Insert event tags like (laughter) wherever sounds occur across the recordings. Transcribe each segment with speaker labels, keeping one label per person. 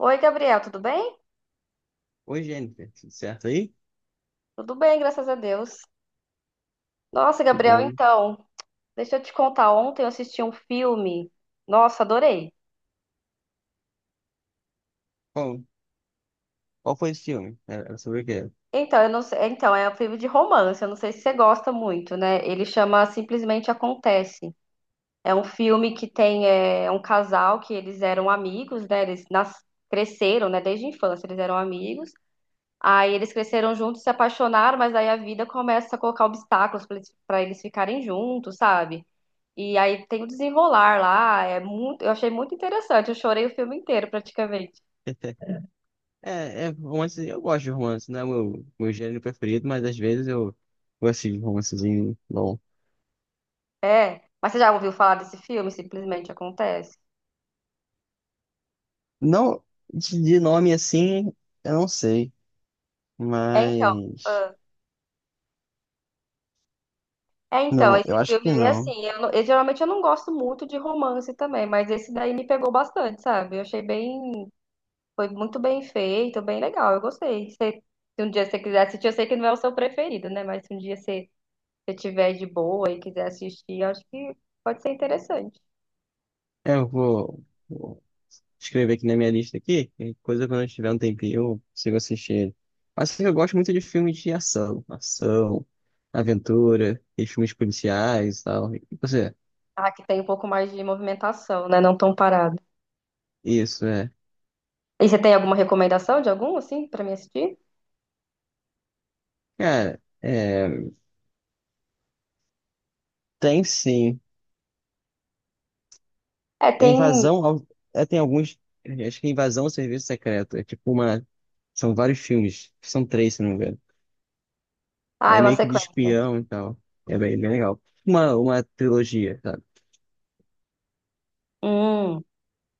Speaker 1: Oi, Gabriel, tudo bem?
Speaker 2: Oi, Jennifer, tudo certo aí?
Speaker 1: Tudo bem, graças a Deus. Nossa,
Speaker 2: Que
Speaker 1: Gabriel,
Speaker 2: bom.
Speaker 1: então, deixa eu te contar. Ontem eu assisti um filme. Nossa, adorei.
Speaker 2: Qual, qual foi esse filme? Era sobre o quê?
Speaker 1: Então, eu não sei, então, é um filme de romance, eu não sei se você gosta muito, né? Ele chama Simplesmente Acontece. É um filme que tem um casal que eles eram amigos, né? Cresceram, né? Desde a infância eles eram amigos. Aí eles cresceram juntos, se apaixonaram, mas aí a vida começa a colocar obstáculos para eles pra eles ficarem juntos, sabe? E aí tem o desenrolar lá, eu achei muito interessante, eu chorei o filme inteiro praticamente.
Speaker 2: (laughs) É, é romance, eu gosto de romance, não é meu gênero preferido, mas às vezes eu gosto de romancezinho bom.
Speaker 1: É, mas você já ouviu falar desse filme? Simplesmente acontece.
Speaker 2: Não, de nome assim, eu não sei,
Speaker 1: É então,
Speaker 2: mas...
Speaker 1: ah,
Speaker 2: Não,
Speaker 1: esse
Speaker 2: eu acho
Speaker 1: filme
Speaker 2: que
Speaker 1: aí
Speaker 2: não.
Speaker 1: assim, eu geralmente eu não gosto muito de romance também, mas esse daí me pegou bastante, sabe? Foi muito bem feito, bem legal, eu gostei. Se um dia você quiser assistir, eu sei que não é o seu preferido, né? Mas se um dia você tiver de boa e quiser assistir, eu acho que pode ser interessante.
Speaker 2: Eu vou escrever aqui na minha lista aqui. E coisa quando eu tiver um tempinho, eu consigo assistir ele. Mas assim, eu gosto muito de filmes de ação. Ação, aventura, e filmes policiais e tal. E você?
Speaker 1: Ah, que tem um pouco mais de movimentação, né? Não tão parado.
Speaker 2: Isso, é.
Speaker 1: E você tem alguma recomendação de algum, assim, pra me assistir?
Speaker 2: Cara, é, tem sim.
Speaker 1: É,
Speaker 2: É
Speaker 1: tem.
Speaker 2: invasão ao... é, tem alguns. Acho que é invasão ao serviço secreto. É tipo uma. São vários filmes. São três, se não me engano.
Speaker 1: Ah, é
Speaker 2: Aí
Speaker 1: uma
Speaker 2: meio que de
Speaker 1: sequência.
Speaker 2: espião e tal. É bem, bem legal. Uma trilogia, sabe?
Speaker 1: Hum.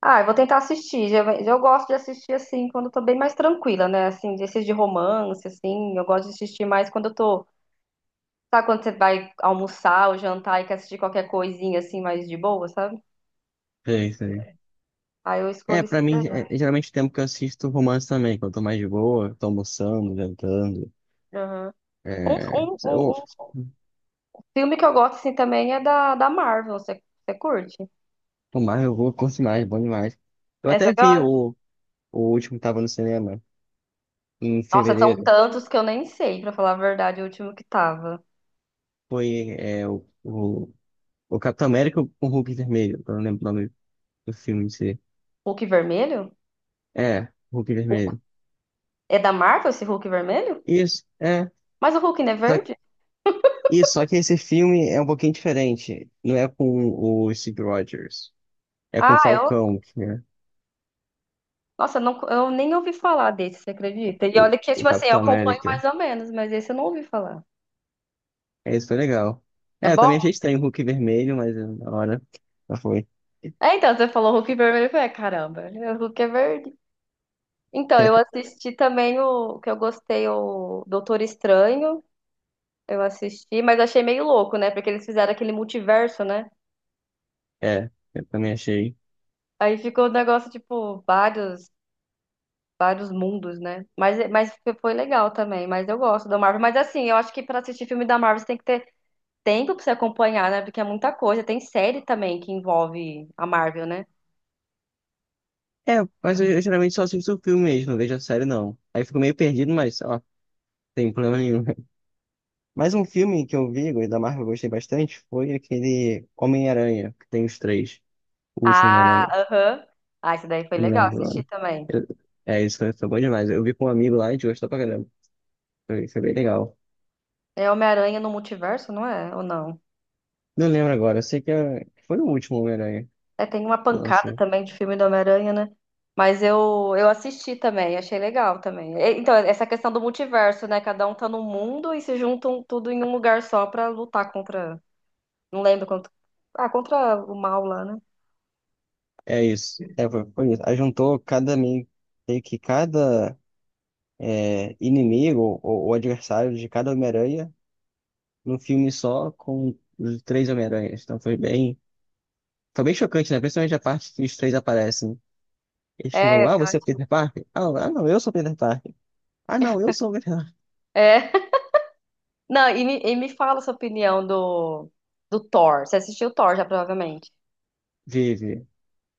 Speaker 1: Ah, eu vou tentar assistir. Eu gosto de assistir, assim, quando eu tô bem mais tranquila, né? Assim, desses de romance, assim. Eu gosto de assistir mais quando eu tô. Sabe quando você vai almoçar ou jantar e quer assistir qualquer coisinha, assim, mais de boa, sabe?
Speaker 2: É isso.
Speaker 1: Aí eu
Speaker 2: É,
Speaker 1: escolho esse
Speaker 2: pra
Speaker 1: daí.
Speaker 2: mim, é, é geralmente o tempo que eu assisto romance também, quando eu tô mais de boa, tô almoçando, jantando.
Speaker 1: Aham. Um,
Speaker 2: É,
Speaker 1: um,
Speaker 2: eu,
Speaker 1: um, um filme que eu gosto, assim, também é da Marvel. Você curte?
Speaker 2: tomar, eu vou, curto mais, bom demais. Eu
Speaker 1: Essa
Speaker 2: até vi o último que tava no cinema, em
Speaker 1: Nossa, são
Speaker 2: fevereiro.
Speaker 1: tantos que eu nem sei, pra falar a verdade, o último que tava.
Speaker 2: Foi é, o Capitão América com o Hulk Vermelho, eu não lembro o nome do filme em si.
Speaker 1: Hulk vermelho?
Speaker 2: É, Hulk
Speaker 1: Hulk-
Speaker 2: Vermelho.
Speaker 1: É da Marvel esse Hulk vermelho?
Speaker 2: Isso, é.
Speaker 1: Mas o Hulk não é
Speaker 2: Só, que-
Speaker 1: verde?
Speaker 2: isso, só que esse filme é um pouquinho diferente. Não é com o Steve Rogers, é com o
Speaker 1: Ah, eu.
Speaker 2: Falcão, que é
Speaker 1: Nossa, não, eu nem ouvi falar desse, você acredita? E olha que,
Speaker 2: o
Speaker 1: tipo assim, eu
Speaker 2: Capitão
Speaker 1: acompanho
Speaker 2: América.
Speaker 1: mais ou menos, mas esse eu não ouvi falar.
Speaker 2: É, isso foi legal.
Speaker 1: É
Speaker 2: É, eu também achei
Speaker 1: bom?
Speaker 2: estranho o Hulk vermelho, mas na hora já foi.
Speaker 1: É, então, você falou Hulk vermelho, eu falei, "Ah, caramba, né, o Hulk é verde. Então, eu
Speaker 2: (laughs)
Speaker 1: assisti também o que eu gostei, o Doutor Estranho. Eu assisti, mas achei meio louco, né? Porque eles fizeram aquele multiverso, né?
Speaker 2: É, eu também achei.
Speaker 1: Aí ficou o negócio, tipo, vários mundos, né? Mas, mas foi legal também, mas eu gosto da Marvel. Mas assim, eu acho que pra assistir filme da Marvel você tem que ter tempo pra você acompanhar, né? Porque é muita coisa. Tem série também que envolve a Marvel, né?
Speaker 2: É, mas eu geralmente só assisto o filme mesmo, não vejo a série não. Aí eu fico meio perdido, mas ó, não tem problema nenhum. (laughs) Mais um filme que eu vi, e da Marvel eu gostei bastante, foi aquele Homem-Aranha, que tem os três. O último
Speaker 1: Ah,
Speaker 2: Homem-Aranha.
Speaker 1: aham. Ah, isso daí foi
Speaker 2: Eu não
Speaker 1: legal
Speaker 2: lembro o
Speaker 1: assistir
Speaker 2: nome.
Speaker 1: também.
Speaker 2: Eu- é, isso foi, foi bom demais. Eu vi com um amigo lá e a gente gostou pra caramba. Foi, foi bem legal.
Speaker 1: É Homem-Aranha no Multiverso, não é? Ou não?
Speaker 2: Não lembro agora, eu sei que é- que foi o último Homem-Aranha
Speaker 1: É, tem uma
Speaker 2: que
Speaker 1: pancada
Speaker 2: lançou.
Speaker 1: também de filme do Homem-Aranha, né? Mas eu assisti também, achei legal também. Então, essa questão do multiverso, né? Cada um tá num mundo e se juntam tudo em um lugar só pra lutar contra. Não lembro contra. Ah, contra o mal lá, né?
Speaker 2: É isso. É, foi, foi isso. Aí juntou cada meio meio que cada é, inimigo ou adversário de cada Homem-Aranha num filme só com os três Homem-Aranhas. Então foi bem chocante, né? Principalmente a parte que os três aparecem. Eles ficam,
Speaker 1: É,
Speaker 2: ah,
Speaker 1: eu
Speaker 2: você é o
Speaker 1: acho.
Speaker 2: Peter Parker? Ah, ah, não, eu sou o Peter Parker. Ah, não, eu sou o Peter Parker.
Speaker 1: É. (laughs) Não, e me fala sua opinião do Thor. Você assistiu o Thor já, provavelmente.
Speaker 2: (laughs) Vive.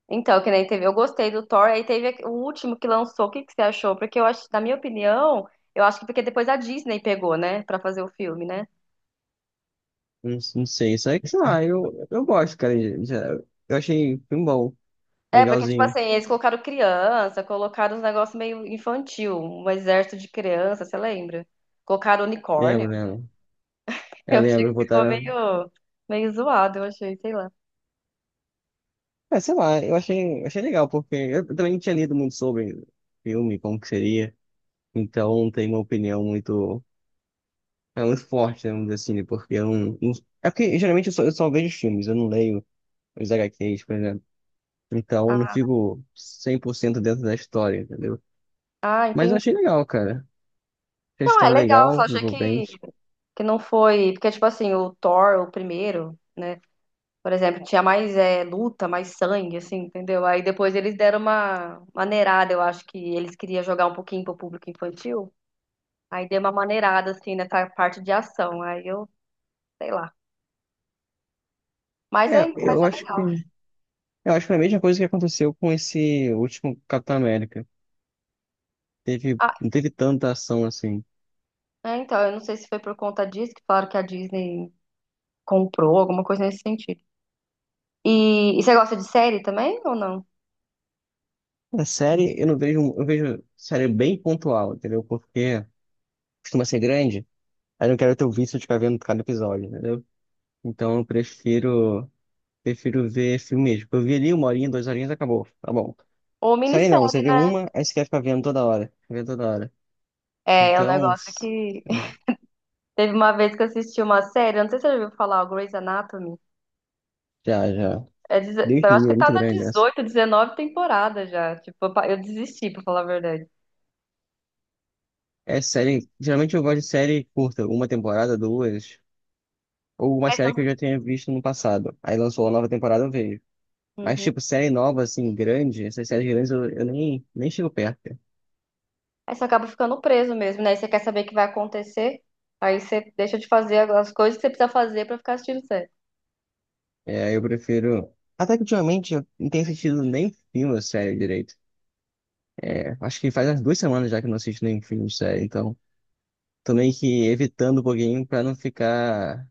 Speaker 1: Então, que nem teve. Eu gostei do Thor, aí teve o último que lançou. O que, que você achou? Porque eu acho, na minha opinião, eu acho que porque depois a Disney pegou, né? Pra fazer o filme, né?
Speaker 2: Não, não sei, isso aí que, sei lá, eu gosto, cara. De- de- eu achei um bom,
Speaker 1: É, porque, tipo
Speaker 2: legalzinho.
Speaker 1: assim, eles colocaram criança, colocaram uns negócios meio infantil, um exército de criança, você lembra? Colocaram unicórnio.
Speaker 2: Lembro, lembro.
Speaker 1: (laughs)
Speaker 2: Eu
Speaker 1: Eu achei
Speaker 2: lembro,
Speaker 1: que ficou
Speaker 2: botaram.
Speaker 1: meio zoado, eu achei, sei lá.
Speaker 2: É, sei lá, eu achei, achei legal, porque eu também não tinha lido muito sobre filme, como que seria, então não tenho uma opinião muito, é, muito forte, né, vamos dizer assim, né, porque eu não- é porque geralmente eu só vejo filmes, eu não leio os H HQs, por exemplo, então eu não fico 100% dentro da história, entendeu?
Speaker 1: Ah,
Speaker 2: Mas eu
Speaker 1: entendi.
Speaker 2: achei legal, cara, achei a
Speaker 1: Não, é
Speaker 2: história
Speaker 1: legal,
Speaker 2: legal,
Speaker 1: só achei
Speaker 2: envolvente.
Speaker 1: que não foi. Porque, tipo assim, o Thor, o primeiro, né? Por exemplo, tinha mais luta, mais sangue, assim, entendeu? Aí depois eles deram uma maneirada, eu acho que eles queriam jogar um pouquinho pro público infantil. Aí deu uma maneirada, assim, nessa parte de ação. Sei lá. Mas
Speaker 2: É,
Speaker 1: mas é legal.
Speaker 2: eu acho que foi a mesma coisa que aconteceu com esse último Capitão América, teve,
Speaker 1: Ah,
Speaker 2: não teve tanta ação assim.
Speaker 1: é, então, eu não sei se foi por conta disso que falaram que a Disney comprou, alguma coisa nesse sentido. E você gosta de série também ou não?
Speaker 2: Na série, eu não vejo, eu vejo série bem pontual, entendeu? Porque costuma ser grande, aí eu não quero ter o vício de ficar vendo cada episódio, entendeu? Então prefiro ver filme mesmo. Eu vi ali uma horinha, duas horinhas, acabou, tá bom.
Speaker 1: Ou
Speaker 2: Série não, você
Speaker 1: minissérie,
Speaker 2: vê
Speaker 1: né?
Speaker 2: uma, aí você quer ficar vendo toda hora, vendo toda hora.
Speaker 1: É um
Speaker 2: Então,
Speaker 1: negócio que.
Speaker 2: é,
Speaker 1: Teve uma vez que eu assisti uma série, eu não sei se você já ouviu falar, o Grey's Anatomy.
Speaker 2: já, já.
Speaker 1: É,
Speaker 2: Deus
Speaker 1: eu
Speaker 2: me
Speaker 1: acho
Speaker 2: livre, é
Speaker 1: que tá
Speaker 2: muito
Speaker 1: na
Speaker 2: grande essa.
Speaker 1: 18 19 temporada já. Tipo, eu desisti, pra falar a verdade.
Speaker 2: É série, geralmente eu gosto de série curta, uma temporada, duas, ou uma
Speaker 1: Aí
Speaker 2: série
Speaker 1: você,
Speaker 2: que eu já tenha visto no passado. Aí lançou a nova temporada, eu vejo. Mas,
Speaker 1: Uhum.
Speaker 2: tipo, série nova, assim, grande, essas séries grandes eu, eu nem chego perto. Cara.
Speaker 1: Aí você acaba ficando preso mesmo, né? Aí você quer saber o que vai acontecer, aí você deixa de fazer as coisas que você precisa fazer pra ficar assistindo série.
Speaker 2: É, eu prefiro. Até que ultimamente eu não tenho assistido nem filme ou série direito. É, acho que faz umas duas semanas já que eu não assisto nem filme ou série, então tô meio que evitando um pouquinho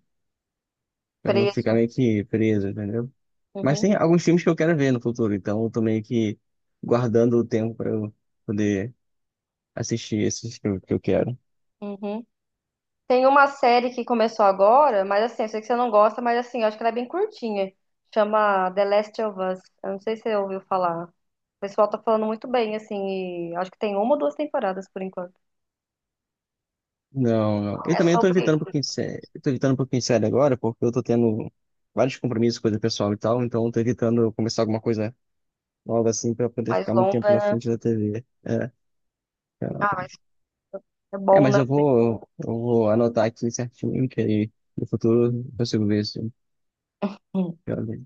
Speaker 2: pra não ficar
Speaker 1: Preso.
Speaker 2: meio que preso, entendeu? Mas
Speaker 1: Uhum.
Speaker 2: tem alguns filmes que eu quero ver no futuro, então eu tô meio que guardando o tempo pra eu poder assistir esses que eu quero.
Speaker 1: Uhum. Tem uma série que começou agora, mas assim, eu sei que você não gosta, mas assim, eu acho que ela é bem curtinha. Chama The Last of Us. Eu não sei se você ouviu falar. O pessoal tá falando muito bem, assim, e acho que tem uma ou duas temporadas por enquanto.
Speaker 2: Não, não. Eu
Speaker 1: É
Speaker 2: também tô
Speaker 1: sobre
Speaker 2: evitando um pouquinho de série. Eu tô evitando um pouquinho de série agora, porque eu tô tendo vários compromissos, coisa pessoal e tal, então eu tô evitando começar alguma coisa nova assim pra poder
Speaker 1: mais
Speaker 2: ficar muito tempo
Speaker 1: longa,
Speaker 2: na
Speaker 1: né?
Speaker 2: frente da TV. É,
Speaker 1: Ah, mas é
Speaker 2: é,
Speaker 1: bom,
Speaker 2: mas
Speaker 1: né?
Speaker 2: eu vou anotar aqui certinho, que aí no futuro eu consigo ver se eu
Speaker 1: Hum.
Speaker 2: quero ver.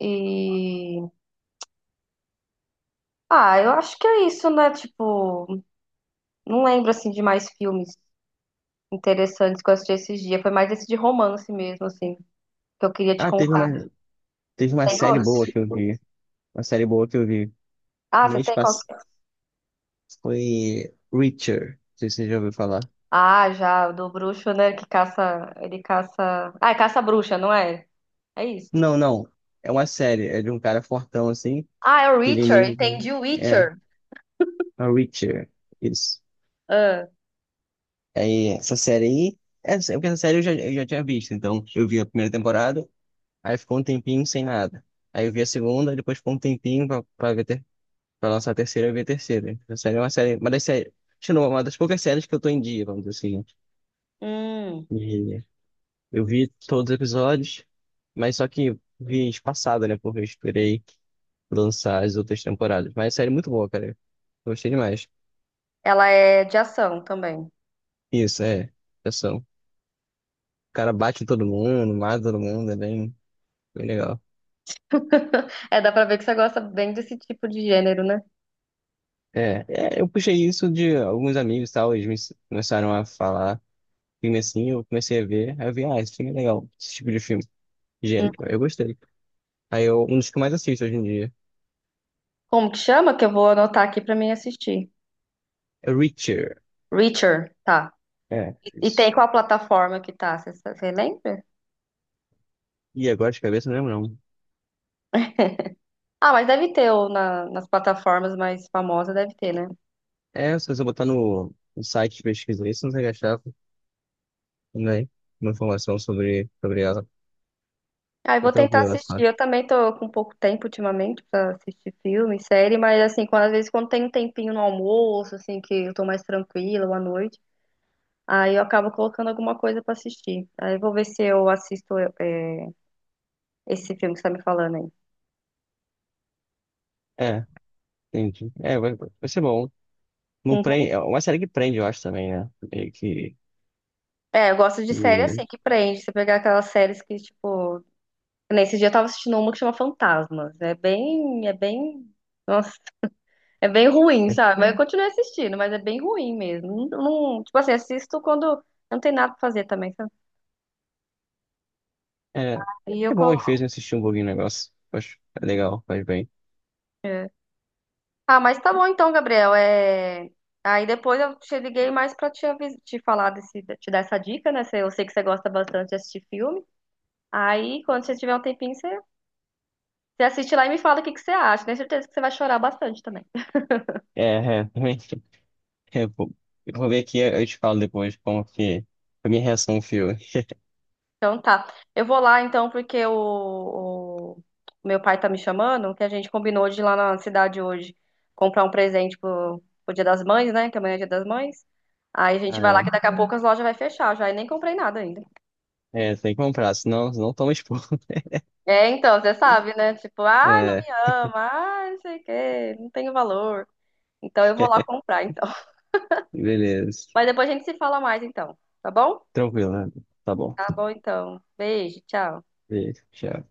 Speaker 1: E eu acho que é isso, né? Tipo, não lembro assim de mais filmes interessantes que eu assisti esses dias. Foi mais esse de romance mesmo, assim, que eu queria te
Speaker 2: Ah,
Speaker 1: contar.
Speaker 2: teve uma
Speaker 1: Tem
Speaker 2: série
Speaker 1: outro?
Speaker 2: boa que eu vi. Uma série boa que eu vi.
Speaker 1: Ah, você
Speaker 2: Mês
Speaker 1: tem qual?
Speaker 2: passado foi Reacher. Não sei se você já ouviu falar.
Speaker 1: Ah, já, do bruxo, né? Que caça. Ele caça. Ah, é caça-bruxa, não é? É isso.
Speaker 2: Não, não. É uma série, é de um cara fortão assim,
Speaker 1: Ah, é o
Speaker 2: que ele
Speaker 1: Witcher,
Speaker 2: meio que.
Speaker 1: entendi o
Speaker 2: É,
Speaker 1: Witcher.
Speaker 2: a Reacher. Isso.
Speaker 1: Ah,
Speaker 2: Aí, essa série aí. Essa, porque essa série eu já tinha visto. Então, eu vi a primeira temporada, aí ficou um tempinho sem nada. Aí eu vi a segunda, depois ficou um tempinho pra, pra, ver ter, pra lançar a terceira, eu vi a terceira. Essa série é uma série. Uma das séries. Acho que não, uma das poucas séries que eu tô em dia, vamos dizer assim.
Speaker 1: hum.
Speaker 2: Né? E eu vi todos os episódios, mas só que vi espaçado, né? Porque eu esperei lançar as outras temporadas. Mas a série é muito boa, cara. Gostei demais.
Speaker 1: Ela é de ação também.
Speaker 2: Isso, é. Ação. O cara bate em todo mundo, mata todo mundo, é bem, bem legal.
Speaker 1: (laughs) É, dá pra ver que você gosta bem desse tipo de gênero, né?
Speaker 2: É, é, eu puxei isso de alguns amigos e tal, eles me ens- começaram a falar filme assim, eu comecei a ver, aí eu vi, ah, esse filme é legal, esse tipo de filme,
Speaker 1: Hum.
Speaker 2: gênero, eu gostei. Aí eu, um dos que eu mais assisto hoje em dia
Speaker 1: Como que chama? Que eu vou anotar aqui pra mim assistir.
Speaker 2: é Reacher,
Speaker 1: Witcher, tá.
Speaker 2: é,
Speaker 1: E tem
Speaker 2: isso.
Speaker 1: qual plataforma que tá? Você lembra?
Speaker 2: E agora de cabeça eu não lembro não.
Speaker 1: Ah, mas deve ter, ou nas plataformas mais famosas deve ter, né?
Speaker 2: É, se você botar no site de pesquisa isso, não vai achar, né, uma informação sobre, sobre ela,
Speaker 1: Ah, eu
Speaker 2: é
Speaker 1: vou tentar
Speaker 2: tranquilo,
Speaker 1: assistir.
Speaker 2: essa.
Speaker 1: Eu também tô com pouco tempo ultimamente pra assistir filme, série, mas assim, quando, às vezes quando tem um tempinho no almoço, assim, que eu tô mais tranquila ou à noite, aí eu acabo colocando alguma coisa pra assistir. Aí eu vou ver se eu assisto esse filme que você tá me falando aí.
Speaker 2: É, entendi. É, vai, vai ser bom. Não
Speaker 1: Uhum.
Speaker 2: prende, é uma série que prende, eu acho também, né? Meio que.
Speaker 1: É, eu gosto de série assim,
Speaker 2: E-
Speaker 1: que prende. Você pegar aquelas séries que, tipo. Nesse dia eu tava assistindo uma que chama Fantasmas. É bem. É bem. Nossa, é bem ruim, sabe? Mas eu continuo assistindo, mas é bem ruim mesmo. Tipo assim, assisto quando não tem nada pra fazer também, sabe?
Speaker 2: é,
Speaker 1: E eu
Speaker 2: é bom, às vezes,
Speaker 1: coloco.
Speaker 2: assistir um pouquinho o negócio. Acho é legal, faz bem.
Speaker 1: É. Ah, mas tá bom então, Gabriel. Aí depois eu te liguei mais pra te falar desse, te dar essa dica, né? Eu sei que você gosta bastante de assistir filme. Aí, quando você tiver um tempinho, você assiste lá e me fala o que que você acha. Tenho certeza que você vai chorar bastante também.
Speaker 2: É, é, também. (laughs) É, bom. Eu vou ver aqui, eu te falo depois como que. A minha reação ao filme.
Speaker 1: Então tá. Eu vou lá então, porque o o meu pai tá me chamando, que a gente combinou de ir lá na cidade hoje comprar um presente pro Dia das Mães, né? Que amanhã é Dia das Mães. Aí a gente
Speaker 2: Ah,
Speaker 1: vai lá
Speaker 2: é.
Speaker 1: que daqui a pouco as lojas vai fechar já. E nem comprei nada ainda.
Speaker 2: É, tem que comprar, senão, senão toma expor. (laughs)
Speaker 1: É, então, você sabe, né? Tipo, ah, não me
Speaker 2: É,
Speaker 1: ama, ah, não sei o quê, não tenho valor. Então eu vou lá comprar, então. (laughs)
Speaker 2: beleza.
Speaker 1: Mas depois a gente se fala mais, então. Tá bom?
Speaker 2: Tranquilo, né? Tá bom.
Speaker 1: Tá bom, então. Beijo, tchau.
Speaker 2: Beijo, tchau.